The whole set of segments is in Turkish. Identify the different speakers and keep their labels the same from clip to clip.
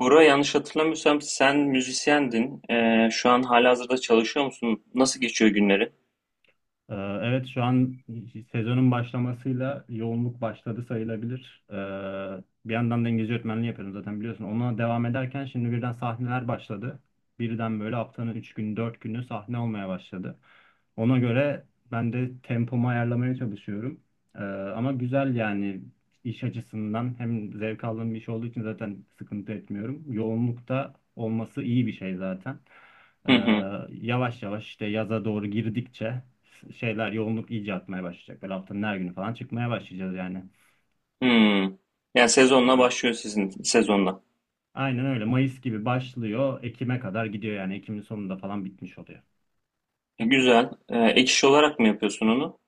Speaker 1: Bora yanlış hatırlamıyorsam sen müzisyendin. Şu an halihazırda çalışıyor musun? Nasıl geçiyor günleri?
Speaker 2: Ee, Evet, şu an sezonun başlamasıyla yoğunluk başladı sayılabilir. Bir yandan da İngilizce öğretmenliği yapıyorum, zaten biliyorsun. Ona devam ederken şimdi birden sahneler başladı. Birden böyle haftanın 3 günü 4 günü sahne olmaya başladı. Ona göre ben de tempomu ayarlamaya çalışıyorum. Ee, Ama güzel yani, iş açısından hem zevk aldığım bir iş olduğu için zaten sıkıntı etmiyorum. Yoğunlukta olması iyi bir şey zaten. Ee,
Speaker 1: Hı hı.
Speaker 2: Yavaş yavaş işte yaza doğru girdikçe şeyler, yoğunluk iyice artmaya başlayacak. Böyle haftanın her günü falan çıkmaya başlayacağız yani.
Speaker 1: Hmm. Yani sezonla
Speaker 2: Aynen.
Speaker 1: başlıyor sizin sezonla.
Speaker 2: Aynen öyle. Mayıs gibi başlıyor. Ekim'e kadar gidiyor yani. Ekim'in sonunda falan bitmiş oluyor.
Speaker 1: Güzel. Ek iş olarak mı yapıyorsun onu?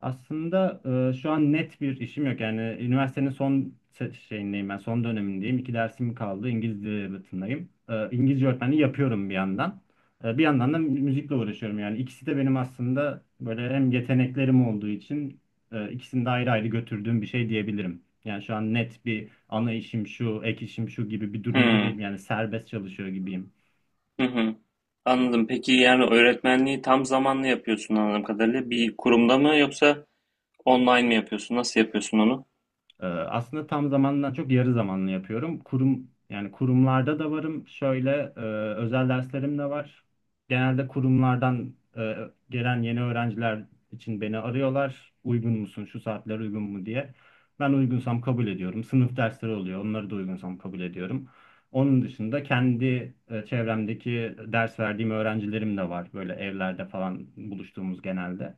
Speaker 2: Aslında şu an net bir işim yok. Yani üniversitenin şeyindeyim ben, son dönemindeyim. İki dersim kaldı. İngiliz Edebiyatı'ndayım. İngilizce öğretmenliği yapıyorum bir yandan. Bir yandan da müzikle uğraşıyorum. Yani ikisi de benim aslında böyle hem yeteneklerim olduğu için ikisini de ayrı ayrı götürdüğüm bir şey diyebilirim. Yani şu an net bir ana işim şu, ek işim şu gibi bir durumda
Speaker 1: Hmm.
Speaker 2: değilim. Yani serbest çalışıyor gibiyim.
Speaker 1: Hı hı. Anladım. Peki yani öğretmenliği tam zamanlı yapıyorsun anladığım kadarıyla. Bir kurumda mı yoksa online mi yapıyorsun? Nasıl yapıyorsun onu?
Speaker 2: Aslında tam zamandan çok yarı zamanlı yapıyorum. Kurum, yani kurumlarda da varım. Şöyle e, özel derslerim de var. Genelde kurumlardan gelen yeni öğrenciler için beni arıyorlar. Uygun musun? Şu saatler uygun mu diye. Ben uygunsam kabul ediyorum. Sınıf dersleri oluyor. Onları da uygunsam kabul ediyorum. Onun dışında kendi çevremdeki ders verdiğim öğrencilerim de var. Böyle evlerde falan buluştuğumuz genelde.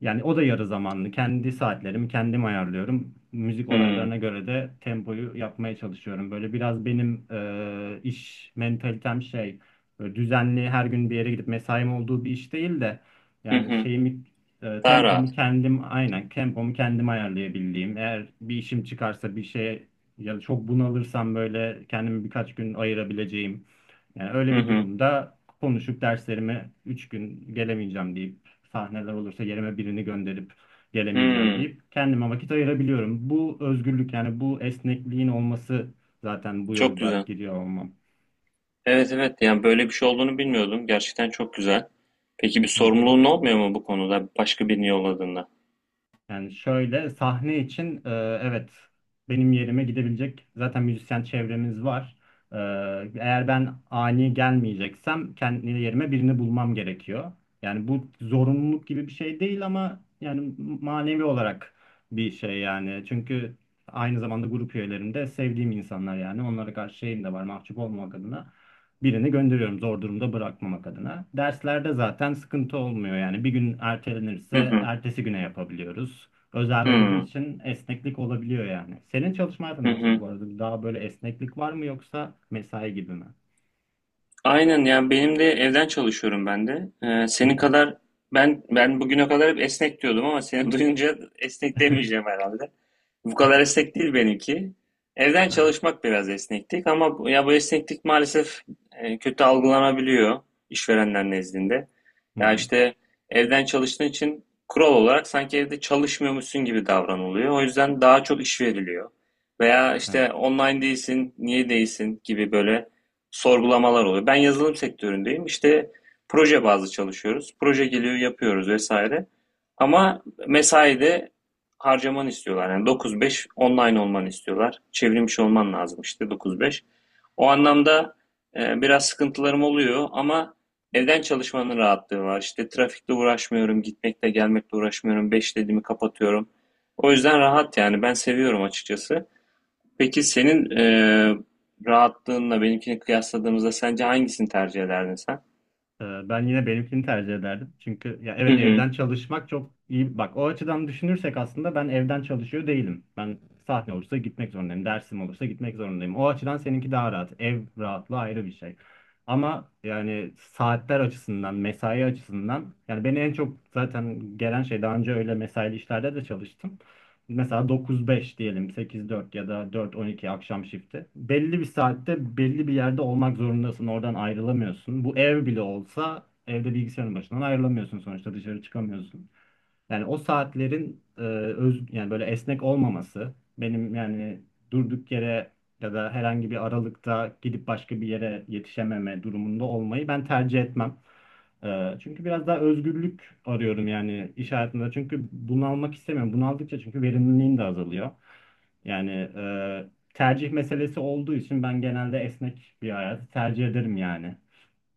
Speaker 2: Yani o da yarı zamanlı. Kendi saatlerimi kendim ayarlıyorum. Müzik
Speaker 1: Hmm.
Speaker 2: olaylarına göre de tempoyu yapmaya çalışıyorum. Böyle biraz benim iş mentalitem şey, böyle düzenli her gün bir yere gidip mesaim olduğu bir iş değil de
Speaker 1: Hı
Speaker 2: yani
Speaker 1: hı. Daha
Speaker 2: tempomu
Speaker 1: rahat.
Speaker 2: kendim, aynen, tempomu kendim ayarlayabildiğim. Eğer bir işim çıkarsa bir şeye ya da çok bunalırsam böyle kendimi birkaç gün ayırabileceğim. Yani öyle
Speaker 1: Hı
Speaker 2: bir
Speaker 1: hı.
Speaker 2: durumda konuşup derslerime 3 gün gelemeyeceğim deyip, sahneler olursa yerime birini gönderip gelemeyeceğim
Speaker 1: Hmm.
Speaker 2: deyip kendime vakit ayırabiliyorum. Bu özgürlük, yani bu esnekliğin olması zaten bu
Speaker 1: Çok
Speaker 2: yolda
Speaker 1: güzel.
Speaker 2: giriyor olmam.
Speaker 1: Evet, evet, yani böyle bir şey olduğunu bilmiyordum. Gerçekten çok güzel. Peki bir
Speaker 2: Hı hı.
Speaker 1: sorumluluğun olmuyor mu bu konuda başka birini yolladığında?
Speaker 2: Yani şöyle, sahne için evet, benim yerime gidebilecek zaten müzisyen çevremiz var. E, Eğer ben ani gelmeyeceksem kendi yerime birini bulmam gerekiyor. Yani bu zorunluluk gibi bir şey değil ama yani manevi olarak bir şey yani. Çünkü aynı zamanda grup üyelerim de sevdiğim insanlar yani. Onlara karşı şeyim de var, mahcup olmamak adına birini gönderiyorum, zor durumda bırakmamak adına. Derslerde zaten sıkıntı olmuyor yani, bir gün
Speaker 1: Hı
Speaker 2: ertelenirse
Speaker 1: hı.
Speaker 2: ertesi güne yapabiliyoruz. Özel
Speaker 1: Hı
Speaker 2: olduğu
Speaker 1: hı.
Speaker 2: için esneklik olabiliyor yani. Senin çalışma hayatın nasıl
Speaker 1: Hı.
Speaker 2: bu arada? Daha böyle esneklik var mı yoksa mesai gibi mi?
Speaker 1: Aynen, yani benim de evden çalışıyorum ben de.
Speaker 2: Hı
Speaker 1: Senin
Speaker 2: hı.
Speaker 1: kadar ben bugüne kadar hep esnek diyordum ama seni duyunca esnek demeyeceğim herhalde. Bu kadar esnek değil benimki. Evden
Speaker 2: Aha.
Speaker 1: çalışmak biraz esneklik ama ya bu esneklik maalesef kötü algılanabiliyor işverenler nezdinde.
Speaker 2: Hı
Speaker 1: Ya
Speaker 2: hı.
Speaker 1: işte evden çalıştığın için kural olarak sanki evde çalışmıyormuşsun gibi davranılıyor. O yüzden daha çok iş veriliyor. Veya
Speaker 2: Evet.
Speaker 1: işte online değilsin, niye değilsin gibi böyle sorgulamalar oluyor. Ben yazılım sektöründeyim. İşte proje bazlı çalışıyoruz. Proje geliyor, yapıyoruz vesaire. Ama mesaide harcamanı istiyorlar. Yani 9-5 online olmanı istiyorlar. Çevrilmiş olman lazım işte 9-5. O anlamda biraz sıkıntılarım oluyor ama evden çalışmanın rahatlığı var. İşte trafikle uğraşmıyorum, gitmekle gelmekle uğraşmıyorum. 5 dediğimi kapatıyorum. O yüzden rahat yani, ben seviyorum açıkçası. Peki senin rahatlığınla benimkini kıyasladığımızda sence hangisini tercih ederdin sen?
Speaker 2: Ben yine benimkini tercih ederdim. Çünkü ya
Speaker 1: Hı
Speaker 2: evet,
Speaker 1: hı.
Speaker 2: evden çalışmak çok iyi. Bak o açıdan düşünürsek aslında ben evden çalışıyor değilim. Ben sahne olursa gitmek zorundayım. Dersim olursa gitmek zorundayım. O açıdan seninki daha rahat. Ev rahatlığı ayrı bir şey. Ama yani saatler açısından, mesai açısından, yani beni en çok zaten gelen şey, daha önce öyle mesaili işlerde de çalıştım mesela, 9-5 diyelim, 8-4 ya da 4-12 akşam shifti. Belli bir saatte belli bir yerde olmak zorundasın. Oradan ayrılamıyorsun. Bu ev bile olsa evde bilgisayarın başından ayrılamıyorsun sonuçta, dışarı çıkamıyorsun. Yani o saatlerin e, öz yani böyle esnek olmaması, benim yani durduk yere ya da herhangi bir aralıkta gidip başka bir yere yetişememe durumunda olmayı ben tercih etmem. Çünkü biraz daha özgürlük arıyorum yani iş hayatında. Çünkü bunalmak istemiyorum. Bunaldıkça çünkü verimliliğin de azalıyor. Yani tercih meselesi olduğu için ben genelde esnek bir hayatı tercih ederim yani.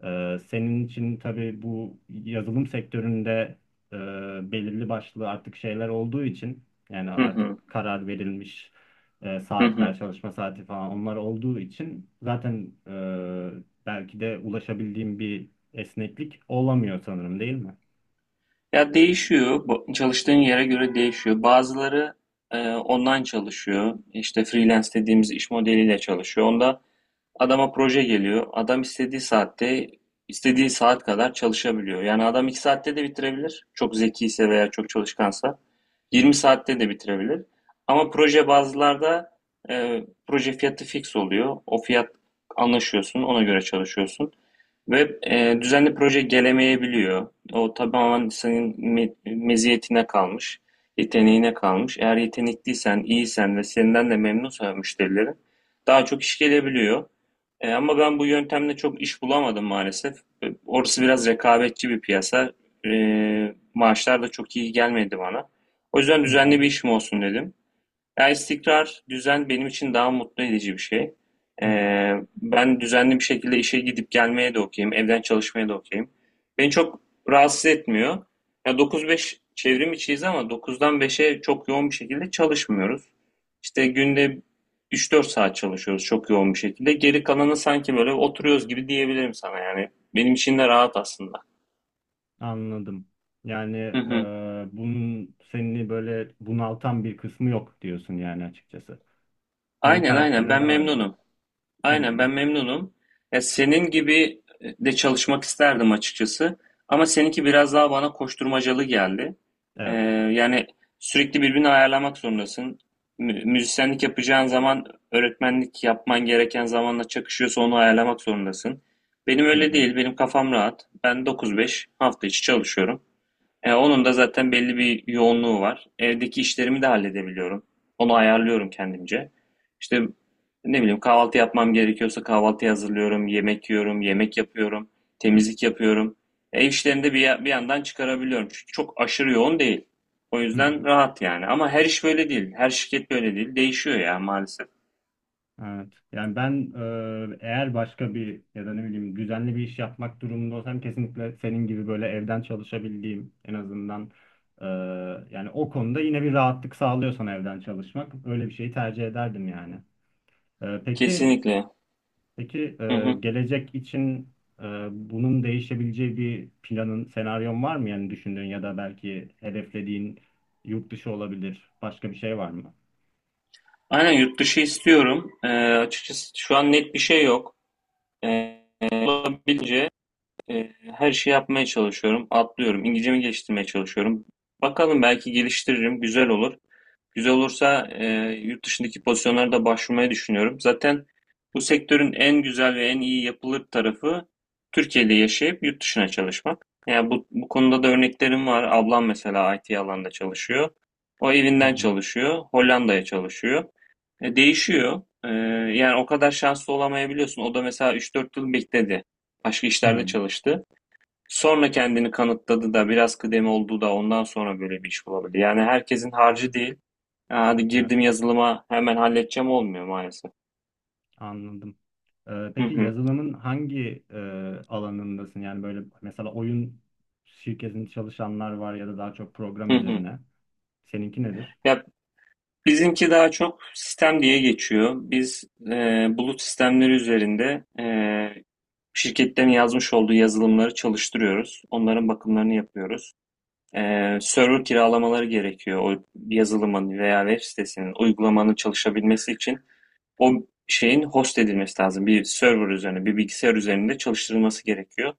Speaker 2: Senin için tabii bu yazılım sektöründe e, belirli başlı artık şeyler olduğu için, yani
Speaker 1: Hı hı.
Speaker 2: artık karar verilmiş
Speaker 1: Hı hı.
Speaker 2: saatler, çalışma saati falan onlar olduğu için, zaten belki de ulaşabildiğim bir esneklik olamıyor sanırım, değil mi?
Speaker 1: Ya değişiyor. Çalıştığın yere göre değişiyor. Bazıları online çalışıyor. İşte freelance dediğimiz iş modeliyle çalışıyor. Onda adama proje geliyor. Adam istediği saatte, istediği saat kadar çalışabiliyor. Yani adam 2 saatte de bitirebilir. Çok zekiyse veya çok çalışkansa.
Speaker 2: Hı
Speaker 1: 20 saatte de bitirebilir. Ama proje bazılarda e, proje fiyatı fix oluyor. O fiyat anlaşıyorsun, ona göre çalışıyorsun. Ve düzenli proje gelemeyebiliyor. O tamamen senin meziyetine kalmış, yeteneğine kalmış. Eğer yetenekliysen, iyisen ve senden de memnunsa müşterilerin daha çok iş gelebiliyor. Ama ben bu yöntemle çok iş bulamadım maalesef. Orası biraz rekabetçi bir piyasa. E, maaşlar da çok iyi gelmedi bana. O yüzden
Speaker 2: hı
Speaker 1: düzenli
Speaker 2: hı.
Speaker 1: bir işim olsun dedim. Ya istikrar, düzen benim için daha mutlu edici bir şey.
Speaker 2: hı hı.
Speaker 1: Ee, ben düzenli bir şekilde işe gidip gelmeye de okeyim, evden çalışmaya da okeyim. Beni çok rahatsız etmiyor. Ya 9-5 çevrim içiyiz ama 9'dan 5'e çok yoğun bir şekilde çalışmıyoruz. İşte günde 3-4 saat çalışıyoruz çok yoğun bir şekilde. Geri kalanı sanki böyle oturuyoruz gibi diyebilirim sana yani. Benim için de rahat aslında.
Speaker 2: Anladım. Yani
Speaker 1: Hı hı.
Speaker 2: bunun seni böyle bunaltan bir kısmı yok diyorsun yani, açıkçası. Senin
Speaker 1: Aynen, aynen,
Speaker 2: karakterine
Speaker 1: ben
Speaker 2: daha uygun.
Speaker 1: memnunum.
Speaker 2: Hı hı.
Speaker 1: Aynen, ben memnunum. Ya senin gibi de çalışmak isterdim açıkçası. Ama seninki biraz daha bana koşturmacalı geldi. Ee,
Speaker 2: Evet.
Speaker 1: yani sürekli birbirini ayarlamak zorundasın. Müzisyenlik yapacağın zaman öğretmenlik yapman gereken zamanla çakışıyorsa onu ayarlamak zorundasın. Benim
Speaker 2: Hı
Speaker 1: öyle
Speaker 2: hı.
Speaker 1: değil. Benim kafam rahat. Ben 9-5 hafta içi çalışıyorum. Onun da zaten belli bir yoğunluğu var. Evdeki işlerimi de halledebiliyorum. Onu ayarlıyorum kendimce. İşte ne bileyim kahvaltı yapmam gerekiyorsa kahvaltı hazırlıyorum, yemek yiyorum, yemek yapıyorum, temizlik yapıyorum. Ev işlerini de bir, bir yandan çıkarabiliyorum. Çünkü çok aşırı yoğun değil. O
Speaker 2: Hı
Speaker 1: yüzden
Speaker 2: hı.
Speaker 1: rahat yani. Ama her iş böyle değil. Her şirket böyle değil. Değişiyor ya maalesef.
Speaker 2: Evet. Yani ben, eğer başka bir ya da ne bileyim düzenli bir iş yapmak durumunda olsam, kesinlikle senin gibi böyle evden çalışabildiğim en azından, e, yani o konuda yine bir rahatlık sağlıyorsan evden çalışmak, öyle bir şeyi tercih ederdim yani. E, peki
Speaker 1: Kesinlikle.
Speaker 2: peki
Speaker 1: Hı hı.
Speaker 2: gelecek için e, bunun değişebileceği bir planın, senaryon var mı, yani düşündüğün ya da belki hedeflediğin, yurt dışı olabilir, başka bir şey var mı?
Speaker 1: Aynen, yurt dışı istiyorum. Açıkçası şu an net bir şey yok. E, olabildiğince Ee, her şeyi yapmaya çalışıyorum. Atlıyorum. İngilizcemi geliştirmeye çalışıyorum. Bakalım belki geliştiririm. Güzel olur. Güzel olursa yurt dışındaki pozisyonlara da başvurmayı düşünüyorum. Zaten bu sektörün en güzel ve en iyi yapılır tarafı Türkiye'de yaşayıp yurt dışına çalışmak. Yani bu konuda da örneklerim var. Ablam mesela IT alanında çalışıyor. O
Speaker 2: Hı
Speaker 1: evinden
Speaker 2: hı.
Speaker 1: çalışıyor. Hollanda'ya çalışıyor. Değişiyor. Yani o kadar şanslı olamayabiliyorsun. O da mesela 3-4 yıl bekledi. Başka işlerde
Speaker 2: Hı,
Speaker 1: çalıştı. Sonra kendini kanıtladı da biraz kıdemi oldu da ondan sonra böyle bir iş bulabildi. Yani herkesin harcı değil. "Ya hadi
Speaker 2: evet.
Speaker 1: girdim yazılıma hemen halledeceğim" olmuyor maalesef.
Speaker 2: Anladım.
Speaker 1: Hı
Speaker 2: Peki
Speaker 1: hı,
Speaker 2: yazılımın hangi alanındasın? Yani böyle mesela oyun şirketinde çalışanlar var ya da daha çok program
Speaker 1: hı hı.
Speaker 2: üzerine. Seninki nedir?
Speaker 1: Ya bizimki daha çok sistem diye geçiyor. Biz e, bulut sistemleri üzerinde şirketlerin yazmış olduğu yazılımları çalıştırıyoruz. Onların bakımlarını yapıyoruz. E, server kiralamaları gerekiyor o yazılımın veya web sitesinin uygulamanın çalışabilmesi için. O şeyin host edilmesi lazım. Bir server üzerine, bir bilgisayar üzerinde çalıştırılması gerekiyor.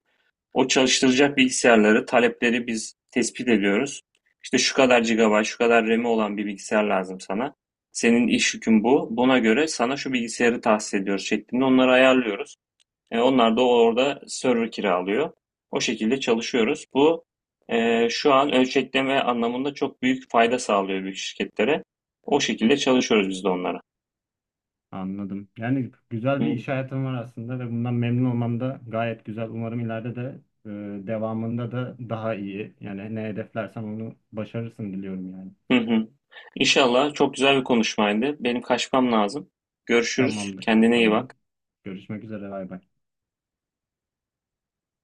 Speaker 1: O çalıştıracak bilgisayarları, talepleri biz tespit ediyoruz. İşte şu kadar GB, şu kadar ramı olan bir bilgisayar lazım sana. Senin iş yükün bu. Buna göre sana şu bilgisayarı tahsis ediyoruz şeklinde onları ayarlıyoruz. Onlar da orada server kiralıyor. O şekilde çalışıyoruz. Bu şu an ölçekleme anlamında çok büyük fayda sağlıyor büyük şirketlere. O şekilde çalışıyoruz biz de onlara.
Speaker 2: Anladım. Yani güzel bir
Speaker 1: Hı.
Speaker 2: iş hayatım var aslında ve bundan memnun olmam da gayet güzel. Umarım ileride de devamında da daha iyi. Yani ne hedeflersen onu başarırsın diliyorum yani.
Speaker 1: Hı hı. İnşallah çok güzel bir konuşmaydı. Benim kaçmam lazım. Görüşürüz.
Speaker 2: Tamamdır.
Speaker 1: Kendine iyi
Speaker 2: Tamam.
Speaker 1: bak.
Speaker 2: Görüşmek üzere. Bay bay.